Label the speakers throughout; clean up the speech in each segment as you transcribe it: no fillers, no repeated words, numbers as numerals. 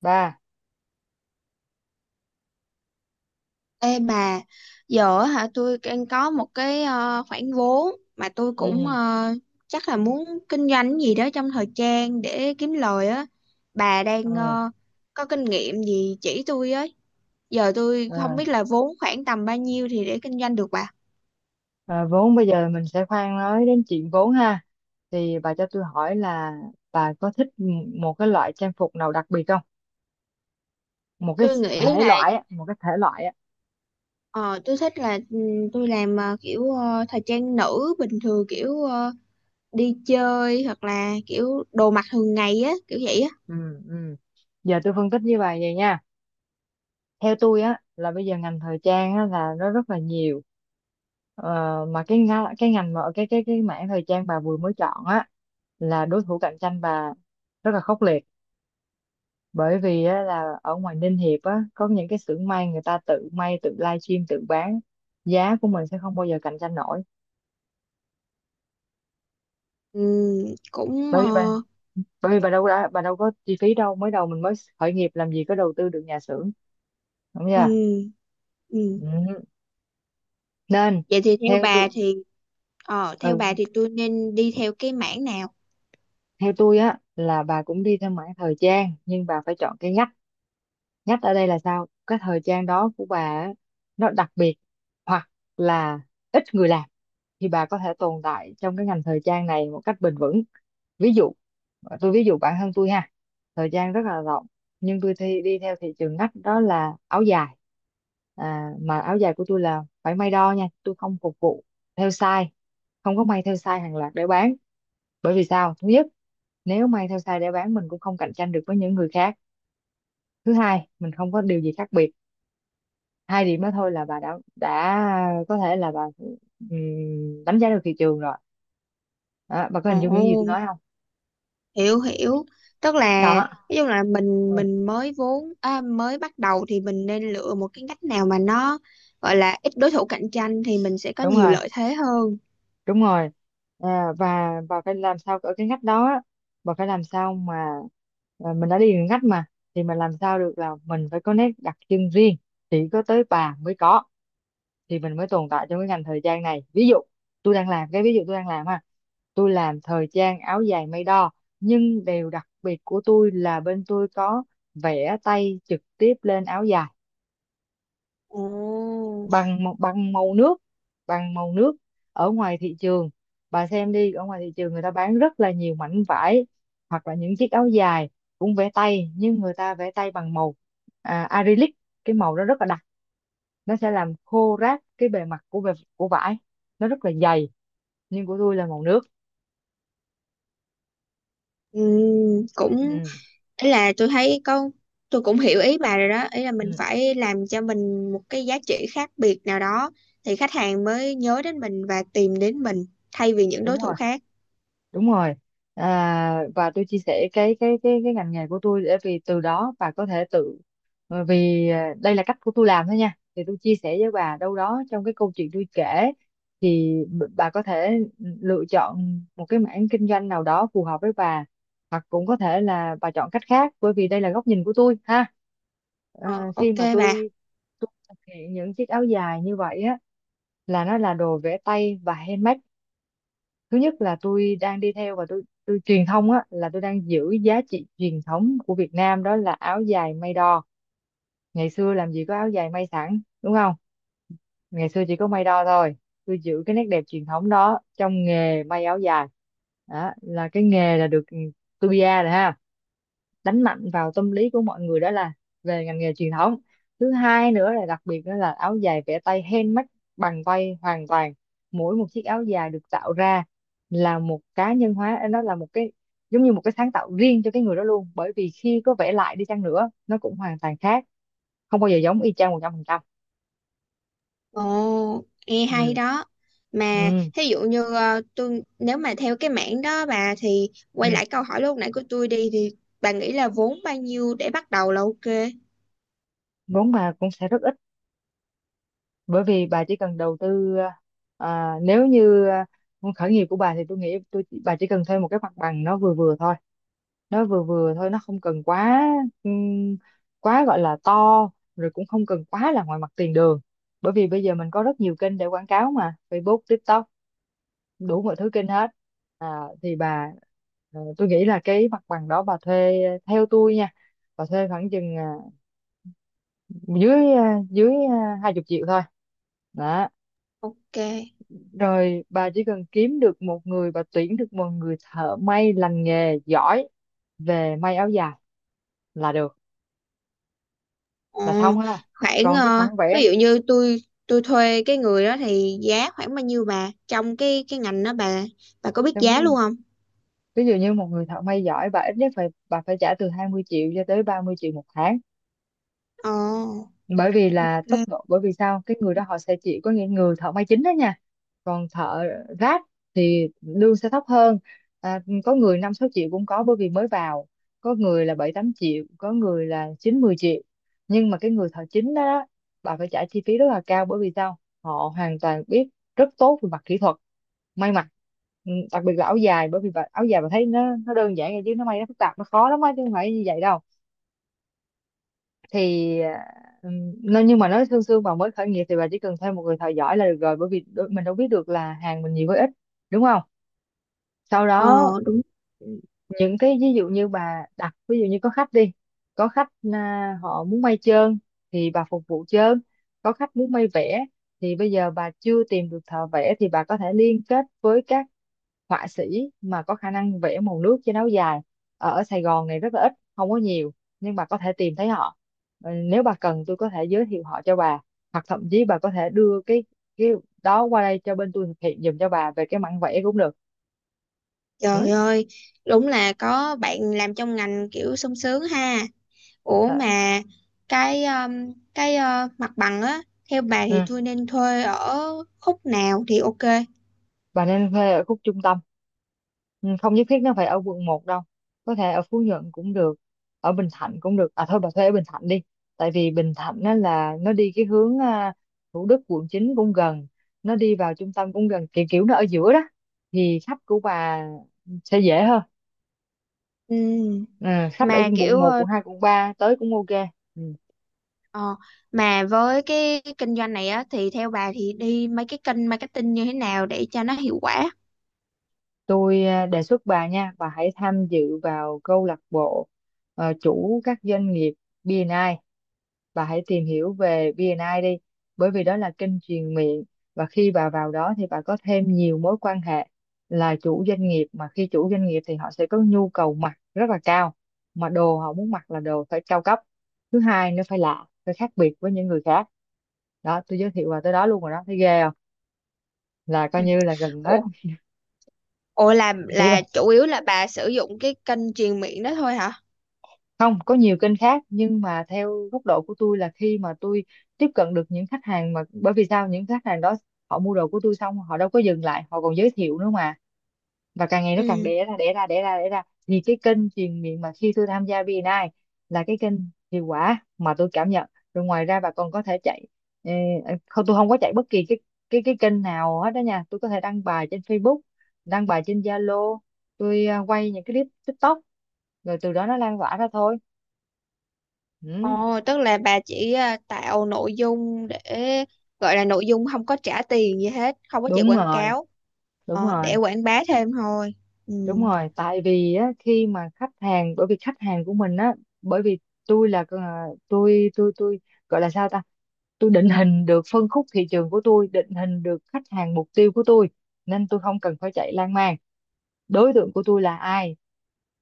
Speaker 1: Ba
Speaker 2: Ê bà, giờ á hả tôi đang có một cái khoản vốn mà tôi cũng
Speaker 1: ừ
Speaker 2: chắc là muốn kinh doanh cái gì đó trong thời trang để kiếm lời á. Bà đang
Speaker 1: ừ
Speaker 2: có kinh nghiệm gì chỉ tôi ấy. Giờ tôi
Speaker 1: ừ
Speaker 2: không biết là vốn khoảng tầm bao nhiêu thì để kinh doanh được bà.
Speaker 1: à, Vốn bây giờ mình sẽ khoan nói đến chuyện vốn ha, thì bà cho tôi hỏi là bà có thích một cái loại trang phục nào đặc biệt không, một cái
Speaker 2: Tôi nghĩ
Speaker 1: thể
Speaker 2: là
Speaker 1: loại á, một cái thể loại á.
Speaker 2: ờ, tôi thích là tôi làm kiểu thời trang nữ bình thường kiểu đi chơi hoặc là kiểu đồ mặc thường ngày á, kiểu vậy á.
Speaker 1: ừ ừ Giờ tôi phân tích với bà vậy nha. Theo tôi á, là bây giờ ngành thời trang á, là nó rất là nhiều. Ờ, mà cái ngành mà cái mảng thời trang bà vừa mới chọn á, là đối thủ cạnh tranh bà rất là khốc liệt. Bởi vì á, là ở ngoài Ninh Hiệp á có những cái xưởng may, người ta tự may tự livestream tự bán, giá của mình sẽ không bao giờ cạnh tranh nổi.
Speaker 2: Ừ, cũng
Speaker 1: bởi vì bà bởi vì bà đâu đã, bà đâu có chi phí đâu, mới đầu mình mới khởi nghiệp làm gì có đầu tư được nhà xưởng, đúng
Speaker 2: ừ.
Speaker 1: chưa?
Speaker 2: Ừ.
Speaker 1: Ừ. Nên
Speaker 2: Vậy thì theo
Speaker 1: theo
Speaker 2: bà
Speaker 1: tôi,
Speaker 2: thì ờ theo
Speaker 1: ừ,
Speaker 2: bà thì tôi nên đi theo cái mảng nào?
Speaker 1: theo tôi á, là bà cũng đi theo mảng thời trang nhưng bà phải chọn cái ngách. Nhất ở đây là sao? Cái thời trang đó của bà á, nó đặc biệt, hoặc là ít người làm, thì bà có thể tồn tại trong cái ngành thời trang này một cách bền vững. Ví dụ, tôi ví dụ bản thân tôi ha, thời trang rất là rộng, nhưng tôi đi theo thị trường ngách đó là áo dài. À, mà áo dài của tôi là phải may đo nha, tôi không phục vụ theo size, không có may theo size hàng loạt để bán. Bởi vì sao? Thứ nhất, nếu may theo size để bán mình cũng không cạnh tranh được với những người khác. Thứ hai, mình không có điều gì khác biệt. Hai điểm đó thôi là bà đã có thể là bà đánh giá được thị trường rồi đó, bà có
Speaker 2: Ồ,
Speaker 1: hình dung những gì tôi nói không?
Speaker 2: hiểu hiểu. Tức là
Speaker 1: Đó.
Speaker 2: ví dụ là mình
Speaker 1: ừ,
Speaker 2: mình mới vốn à, mới bắt đầu thì mình nên lựa một cái ngách nào mà nó gọi là ít đối thủ cạnh tranh thì mình sẽ có
Speaker 1: Đúng
Speaker 2: nhiều
Speaker 1: rồi,
Speaker 2: lợi thế hơn.
Speaker 1: đúng rồi. À, và phải làm sao ở cái ngách đó á, và phải làm sao mà, à, mình đã đi đường ngách mà, thì mình làm sao được là mình phải có nét đặc trưng riêng, chỉ có tới bà mới có, thì mình mới tồn tại trong cái ngành thời trang này. Ví dụ tôi đang làm, cái ví dụ tôi đang làm ha, tôi làm thời trang áo dài may đo, nhưng điều đặc biệt của tôi là bên tôi có vẽ tay trực tiếp lên áo dài,
Speaker 2: Ồ.
Speaker 1: bằng màu nước, bằng màu nước. Ở ngoài thị trường, bà xem đi, ở ngoài thị trường người ta bán rất là nhiều mảnh vải hoặc là những chiếc áo dài cũng vẽ tay, nhưng người ta vẽ tay bằng màu, acrylic. Cái màu đó rất là đặc, nó sẽ làm khô ráp cái bề mặt của của vải, nó rất là dày. Nhưng của tôi là màu nước.
Speaker 2: Ừ, cũng
Speaker 1: ừ,
Speaker 2: ý là tôi thấy có tôi cũng hiểu ý bà rồi đó, ý là
Speaker 1: ừ,
Speaker 2: mình phải làm cho mình một cái giá trị khác biệt nào đó thì khách hàng mới nhớ đến mình và tìm đến mình thay vì những
Speaker 1: Đúng
Speaker 2: đối thủ
Speaker 1: rồi,
Speaker 2: khác.
Speaker 1: đúng rồi. À, và tôi chia sẻ cái ngành nghề của tôi để vì từ đó bà có thể tự, bởi vì à, đây là cách của tôi làm thôi nha, thì tôi chia sẻ với bà đâu đó trong cái câu chuyện tôi kể, thì bà có thể lựa chọn một cái mảng kinh doanh nào đó phù hợp với bà, hoặc cũng có thể là bà chọn cách khác, bởi vì đây là góc nhìn của tôi ha.
Speaker 2: Ờ,
Speaker 1: À, khi
Speaker 2: ok
Speaker 1: mà
Speaker 2: bà.
Speaker 1: tôi thực hiện những chiếc áo dài như vậy á, là nó là đồ vẽ tay và handmade. Thứ nhất là tôi đang đi theo và tôi truyền thông á, là tôi đang giữ giá trị truyền thống của Việt Nam, đó là áo dài may đo. Ngày xưa làm gì có áo dài may sẵn, đúng không? Ngày xưa chỉ có may đo thôi. Tôi giữ cái nét đẹp truyền thống đó trong nghề may áo dài, đó là cái nghề là được. Tôi bia rồi ha, đánh mạnh vào tâm lý của mọi người, đó là về ngành nghề truyền thống. Thứ hai nữa là đặc biệt, đó là áo dài vẽ tay handmade, bằng tay hoàn toàn. Mỗi một chiếc áo dài được tạo ra là một cá nhân hóa, nó là một cái giống như một cái sáng tạo riêng cho cái người đó luôn, bởi vì khi có vẽ lại đi chăng nữa nó cũng hoàn toàn khác, không bao giờ giống y chang một trăm phần trăm.
Speaker 2: Ồ nghe hay
Speaker 1: ừ
Speaker 2: đó. Mà
Speaker 1: ừ
Speaker 2: thí dụ như tôi nếu mà theo cái mảng đó bà, thì
Speaker 1: Ừ.
Speaker 2: quay lại câu hỏi lúc nãy của tôi đi thì bà nghĩ là vốn bao nhiêu để bắt đầu là ok?
Speaker 1: Vốn mà cũng sẽ rất ít, bởi vì bà chỉ cần đầu tư, nếu như muốn khởi nghiệp của bà thì tôi nghĩ bà chỉ cần thuê một cái mặt bằng, nó vừa vừa thôi, nó vừa vừa thôi, nó không cần quá, ừm, quá gọi là to, rồi cũng không cần quá là ngoài mặt tiền đường, bởi vì bây giờ mình có rất nhiều kênh để quảng cáo mà, Facebook TikTok đủ mọi thứ kênh hết. À, thì bà, tôi nghĩ là cái mặt bằng đó bà thuê, theo tôi nha, bà thuê khoảng chừng dưới hai chục triệu thôi. Đó.
Speaker 2: Ok.
Speaker 1: Rồi bà chỉ cần kiếm được một người, bà tuyển được một người thợ may lành nghề giỏi về may áo dài là được,
Speaker 2: Ờ,
Speaker 1: là xong ha.
Speaker 2: Khoảng
Speaker 1: Còn cái khoản vẽ,
Speaker 2: ví dụ như tôi thuê cái người đó thì giá khoảng bao nhiêu bà, trong cái ngành đó bà có biết
Speaker 1: trong cái
Speaker 2: giá luôn không?
Speaker 1: ví dụ như một người thợ may giỏi, bà ít nhất phải, bà phải trả từ 20 triệu cho tới 30 triệu một tháng,
Speaker 2: Ờ,
Speaker 1: bởi vì là tốc
Speaker 2: ok.
Speaker 1: độ, bởi vì sao, cái người đó họ sẽ chỉ có những người thợ may chính đó nha. Còn thợ ráp thì lương sẽ thấp hơn, à, có người năm sáu triệu cũng có bởi vì mới vào, có người là bảy tám triệu, có người là chín mười triệu. Nhưng mà cái người thợ chính đó đó, bà phải trả chi phí rất là cao, bởi vì sao, họ hoàn toàn biết rất tốt về mặt kỹ thuật may mặc. Ừ, đặc biệt là áo dài, bởi vì bà, áo dài bà thấy nó đơn giản vậy chứ nó may nó phức tạp, nó khó lắm á, chứ không phải như vậy đâu. Thì ừ, nhưng mà nói sương sương, bà mới khởi nghiệp thì bà chỉ cần thêm một người thợ giỏi là được rồi, bởi vì mình đâu biết được là hàng mình nhiều hay ít, đúng không? Sau
Speaker 2: Ờ,
Speaker 1: đó
Speaker 2: đúng.
Speaker 1: những cái ví dụ như bà đặt, ví dụ như có khách đi, có khách à, họ muốn may trơn thì bà phục vụ trơn, có khách muốn may vẽ thì bây giờ bà chưa tìm được thợ vẽ, thì bà có thể liên kết với các họa sĩ mà có khả năng vẽ màu nước trên áo dài, ở Sài Gòn này rất là ít, không có nhiều, nhưng bà có thể tìm thấy họ. Ừ, nếu bà cần tôi có thể giới thiệu họ cho bà, hoặc thậm chí bà có thể đưa cái đó qua đây cho bên tôi thực hiện giùm cho bà về cái mảng vẽ cũng được.
Speaker 2: Trời
Speaker 1: Ừ.
Speaker 2: ơi, đúng là có bạn làm trong ngành kiểu sung sướng ha. Ủa
Speaker 1: Đã.
Speaker 2: mà cái mặt bằng á, theo bà thì
Speaker 1: Ừ.
Speaker 2: tôi nên thuê ở khúc nào thì ok?
Speaker 1: Bà nên thuê ở khúc trung tâm. Ừ, không nhất thiết nó phải ở quận một đâu. Có thể ở Phú Nhuận cũng được, ở Bình Thạnh cũng được. À thôi bà thuê ở Bình Thạnh đi. Tại vì Bình Thạnh nó là nó đi cái hướng à, Thủ Đức quận 9 cũng gần, nó đi vào trung tâm cũng gần, kiểu kiểu nó ở giữa đó. Thì khách của bà sẽ dễ hơn.
Speaker 2: Ừ.
Speaker 1: Ừ, khách ở
Speaker 2: Mà
Speaker 1: quận
Speaker 2: kiểu
Speaker 1: một quận 2, quận 3 tới cũng ok. Ừ.
Speaker 2: Ờ, mà với cái kinh doanh này á thì theo bà thì đi mấy cái kênh marketing như thế nào để cho nó hiệu quả?
Speaker 1: Tôi đề xuất bà nha, bà hãy tham dự vào câu lạc bộ chủ các doanh nghiệp B&I. Bà hãy tìm hiểu về BNI đi, bởi vì đó là kênh truyền miệng, và khi bà vào đó thì bà có thêm nhiều mối quan hệ là chủ doanh nghiệp. Mà khi chủ doanh nghiệp thì họ sẽ có nhu cầu mặc rất là cao, mà đồ họ muốn mặc là đồ phải cao cấp. Thứ hai nó phải lạ, phải khác biệt với những người khác. Đó, tôi giới thiệu bà tới đó luôn rồi đó, thấy ghê không, là coi
Speaker 2: Ừ.
Speaker 1: như là gần hết.
Speaker 2: Ồ, ồ
Speaker 1: Chỉ
Speaker 2: là chủ yếu là bà sử dụng cái kênh truyền miệng đó thôi hả?
Speaker 1: không có nhiều kênh khác, nhưng mà theo góc độ của tôi là khi mà tôi tiếp cận được những khách hàng, mà bởi vì sao, những khách hàng đó họ mua đồ của tôi xong họ đâu có dừng lại, họ còn giới thiệu nữa mà. Và càng ngày nó càng
Speaker 2: Ừ.
Speaker 1: đẻ ra đẻ ra đẻ ra đẻ ra, thì cái kênh truyền miệng mà khi tôi tham gia VNI là cái kênh hiệu quả mà tôi cảm nhận. Rồi ngoài ra bà còn có thể chạy ờ, không, tôi không có chạy bất kỳ cái kênh nào hết đó nha. Tôi có thể đăng bài trên Facebook, đăng bài trên Zalo, tôi quay những cái clip TikTok, rồi từ đó nó lan tỏa ra thôi, ừ.
Speaker 2: Ồ, tức là bà chỉ à, tạo nội dung để gọi là nội dung không có trả tiền gì hết, không có chạy
Speaker 1: Đúng
Speaker 2: quảng
Speaker 1: rồi,
Speaker 2: cáo,
Speaker 1: đúng
Speaker 2: để
Speaker 1: rồi,
Speaker 2: quảng bá thêm thôi. Ừ.
Speaker 1: đúng rồi. Tại vì á, khi mà khách hàng, bởi vì khách hàng của mình á, bởi vì tôi gọi là sao ta, tôi định hình được phân khúc thị trường của tôi, định hình được khách hàng mục tiêu của tôi, nên tôi không cần phải chạy lan man. Đối tượng của tôi là ai,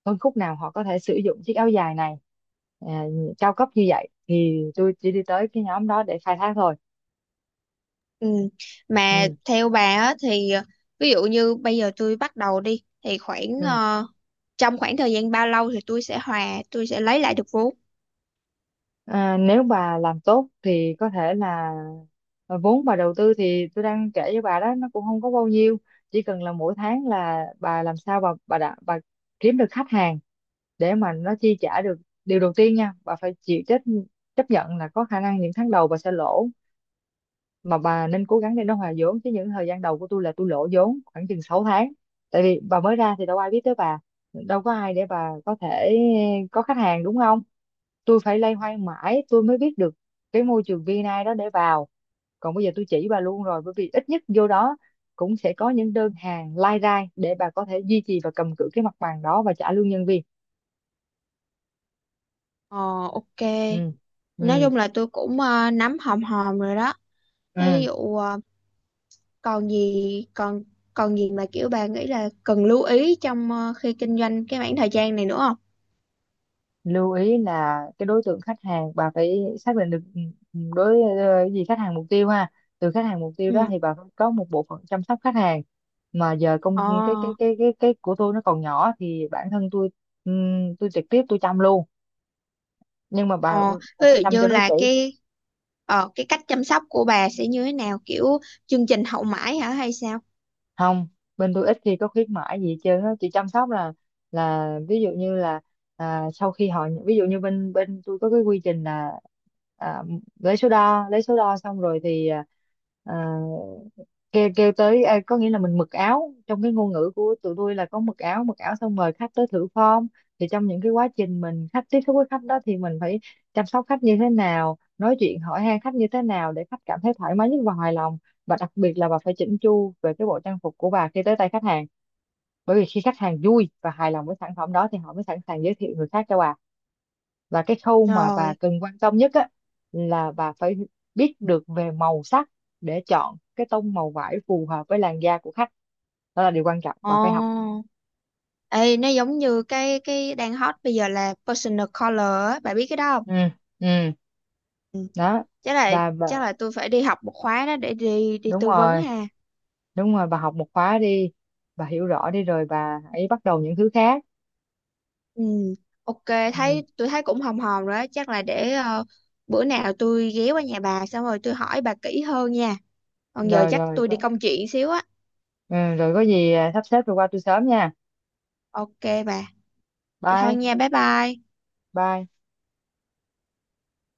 Speaker 1: phân khúc nào họ có thể sử dụng chiếc áo dài này à, cao cấp như vậy, thì tôi chỉ đi tới cái nhóm đó để khai thác thôi.
Speaker 2: Ừ. Mà
Speaker 1: Ừ,
Speaker 2: theo bà á, thì ví dụ như bây giờ tôi bắt đầu đi thì khoảng
Speaker 1: ừ.
Speaker 2: trong khoảng thời gian bao lâu thì tôi sẽ hòa, tôi sẽ lấy lại được vốn?
Speaker 1: À, nếu bà làm tốt thì có thể là vốn bà đầu tư thì tôi đang kể với bà đó, nó cũng không có bao nhiêu. Chỉ cần là mỗi tháng là bà làm sao bà kiếm được khách hàng để mà nó chi trả được. Điều đầu tiên nha, bà phải chịu trách chấp nhận là có khả năng những tháng đầu bà sẽ lỗ, mà bà nên cố gắng để nó hòa vốn. Chứ những thời gian đầu của tôi là tôi lỗ vốn khoảng chừng 6 tháng. Tại vì bà mới ra thì đâu ai biết tới bà, đâu có ai để bà có thể có khách hàng, đúng không. Tôi phải loay hoay mãi tôi mới biết được cái môi trường VNI đó để vào, còn bây giờ tôi chỉ bà luôn rồi, bởi vì ít nhất vô đó cũng sẽ có những đơn hàng lai rai để bà có thể duy trì và cầm cự cái mặt bằng đó và trả lương nhân viên.
Speaker 2: Ờ, ok.
Speaker 1: Ừ,
Speaker 2: Nói
Speaker 1: ừ,
Speaker 2: chung là tôi cũng nắm hòm hòm rồi đó. Ví
Speaker 1: ừ.
Speaker 2: dụ còn gì, còn còn gì mà kiểu bà nghĩ là cần lưu ý trong khi kinh doanh cái khoảng thời gian này nữa không?
Speaker 1: Lưu ý là cái đối tượng khách hàng bà phải xác định được, ừ, ừ, đối ờ, gì khách hàng mục tiêu ha. Từ khách hàng mục tiêu đó
Speaker 2: Ừ.
Speaker 1: thì bà phải có một bộ phận chăm sóc khách hàng. Mà giờ
Speaker 2: Ờ.
Speaker 1: công cái của tôi nó còn nhỏ thì bản thân tôi, tôi trực tiếp tôi chăm luôn. Nhưng mà
Speaker 2: Ờ
Speaker 1: bà
Speaker 2: ví
Speaker 1: phải chăm
Speaker 2: dụ như
Speaker 1: cho nó
Speaker 2: là
Speaker 1: kỹ.
Speaker 2: cái ờ cái cách chăm sóc của bà sẽ như thế nào, kiểu chương trình hậu mãi hả hay sao?
Speaker 1: Không, bên tôi ít khi có khuyến mãi gì hết trơn á, chị chăm sóc là ví dụ như là sau khi họ, ví dụ như bên bên tôi có cái quy trình là, à, lấy số đo, xong rồi thì à, kêu kêu tới, có nghĩa là mình mặc áo, trong cái ngôn ngữ của tụi tôi là có mặc áo, mặc áo xong mời khách tới thử form. Thì trong những cái quá trình mình khách tiếp xúc với khách đó thì mình phải chăm sóc khách như thế nào, nói chuyện hỏi han khách như thế nào để khách cảm thấy thoải mái nhất và hài lòng. Và đặc biệt là bà phải chỉnh chu về cái bộ trang phục của bà khi tới tay khách hàng, bởi vì khi khách hàng vui và hài lòng với sản phẩm đó thì họ mới sẵn sàng giới thiệu người khác cho bà. Và cái khâu mà bà
Speaker 2: Rồi.
Speaker 1: cần quan tâm nhất á là bà phải biết được về màu sắc, để chọn cái tông màu vải phù hợp với làn da của khách. Đó là điều quan trọng, bà phải học.
Speaker 2: Ồ. Ê, nó giống như cái đang hot bây giờ là personal color á, bà biết cái đó không?
Speaker 1: Ừ, ừ,
Speaker 2: Ừ.
Speaker 1: đó.
Speaker 2: Chắc là
Speaker 1: Và bà,
Speaker 2: chắc là tôi phải đi học một khóa đó để đi đi
Speaker 1: đúng
Speaker 2: tư vấn
Speaker 1: rồi,
Speaker 2: ha.
Speaker 1: đúng rồi, bà học một khóa đi, bà hiểu rõ đi rồi bà hãy bắt đầu những thứ khác.
Speaker 2: Ừ. Ok,
Speaker 1: Ừ.
Speaker 2: thấy tôi thấy cũng hòm hòm rồi đó, chắc là để bữa nào tôi ghé qua nhà bà xong rồi tôi hỏi bà kỹ hơn nha. Còn giờ
Speaker 1: Rồi,
Speaker 2: chắc
Speaker 1: rồi,
Speaker 2: tôi đi công chuyện xíu á.
Speaker 1: ừ, rồi có gì sắp xếp rồi qua tôi sớm nha.
Speaker 2: Ok bà. Vậy thôi
Speaker 1: Bye
Speaker 2: nha, bye bye.
Speaker 1: bye.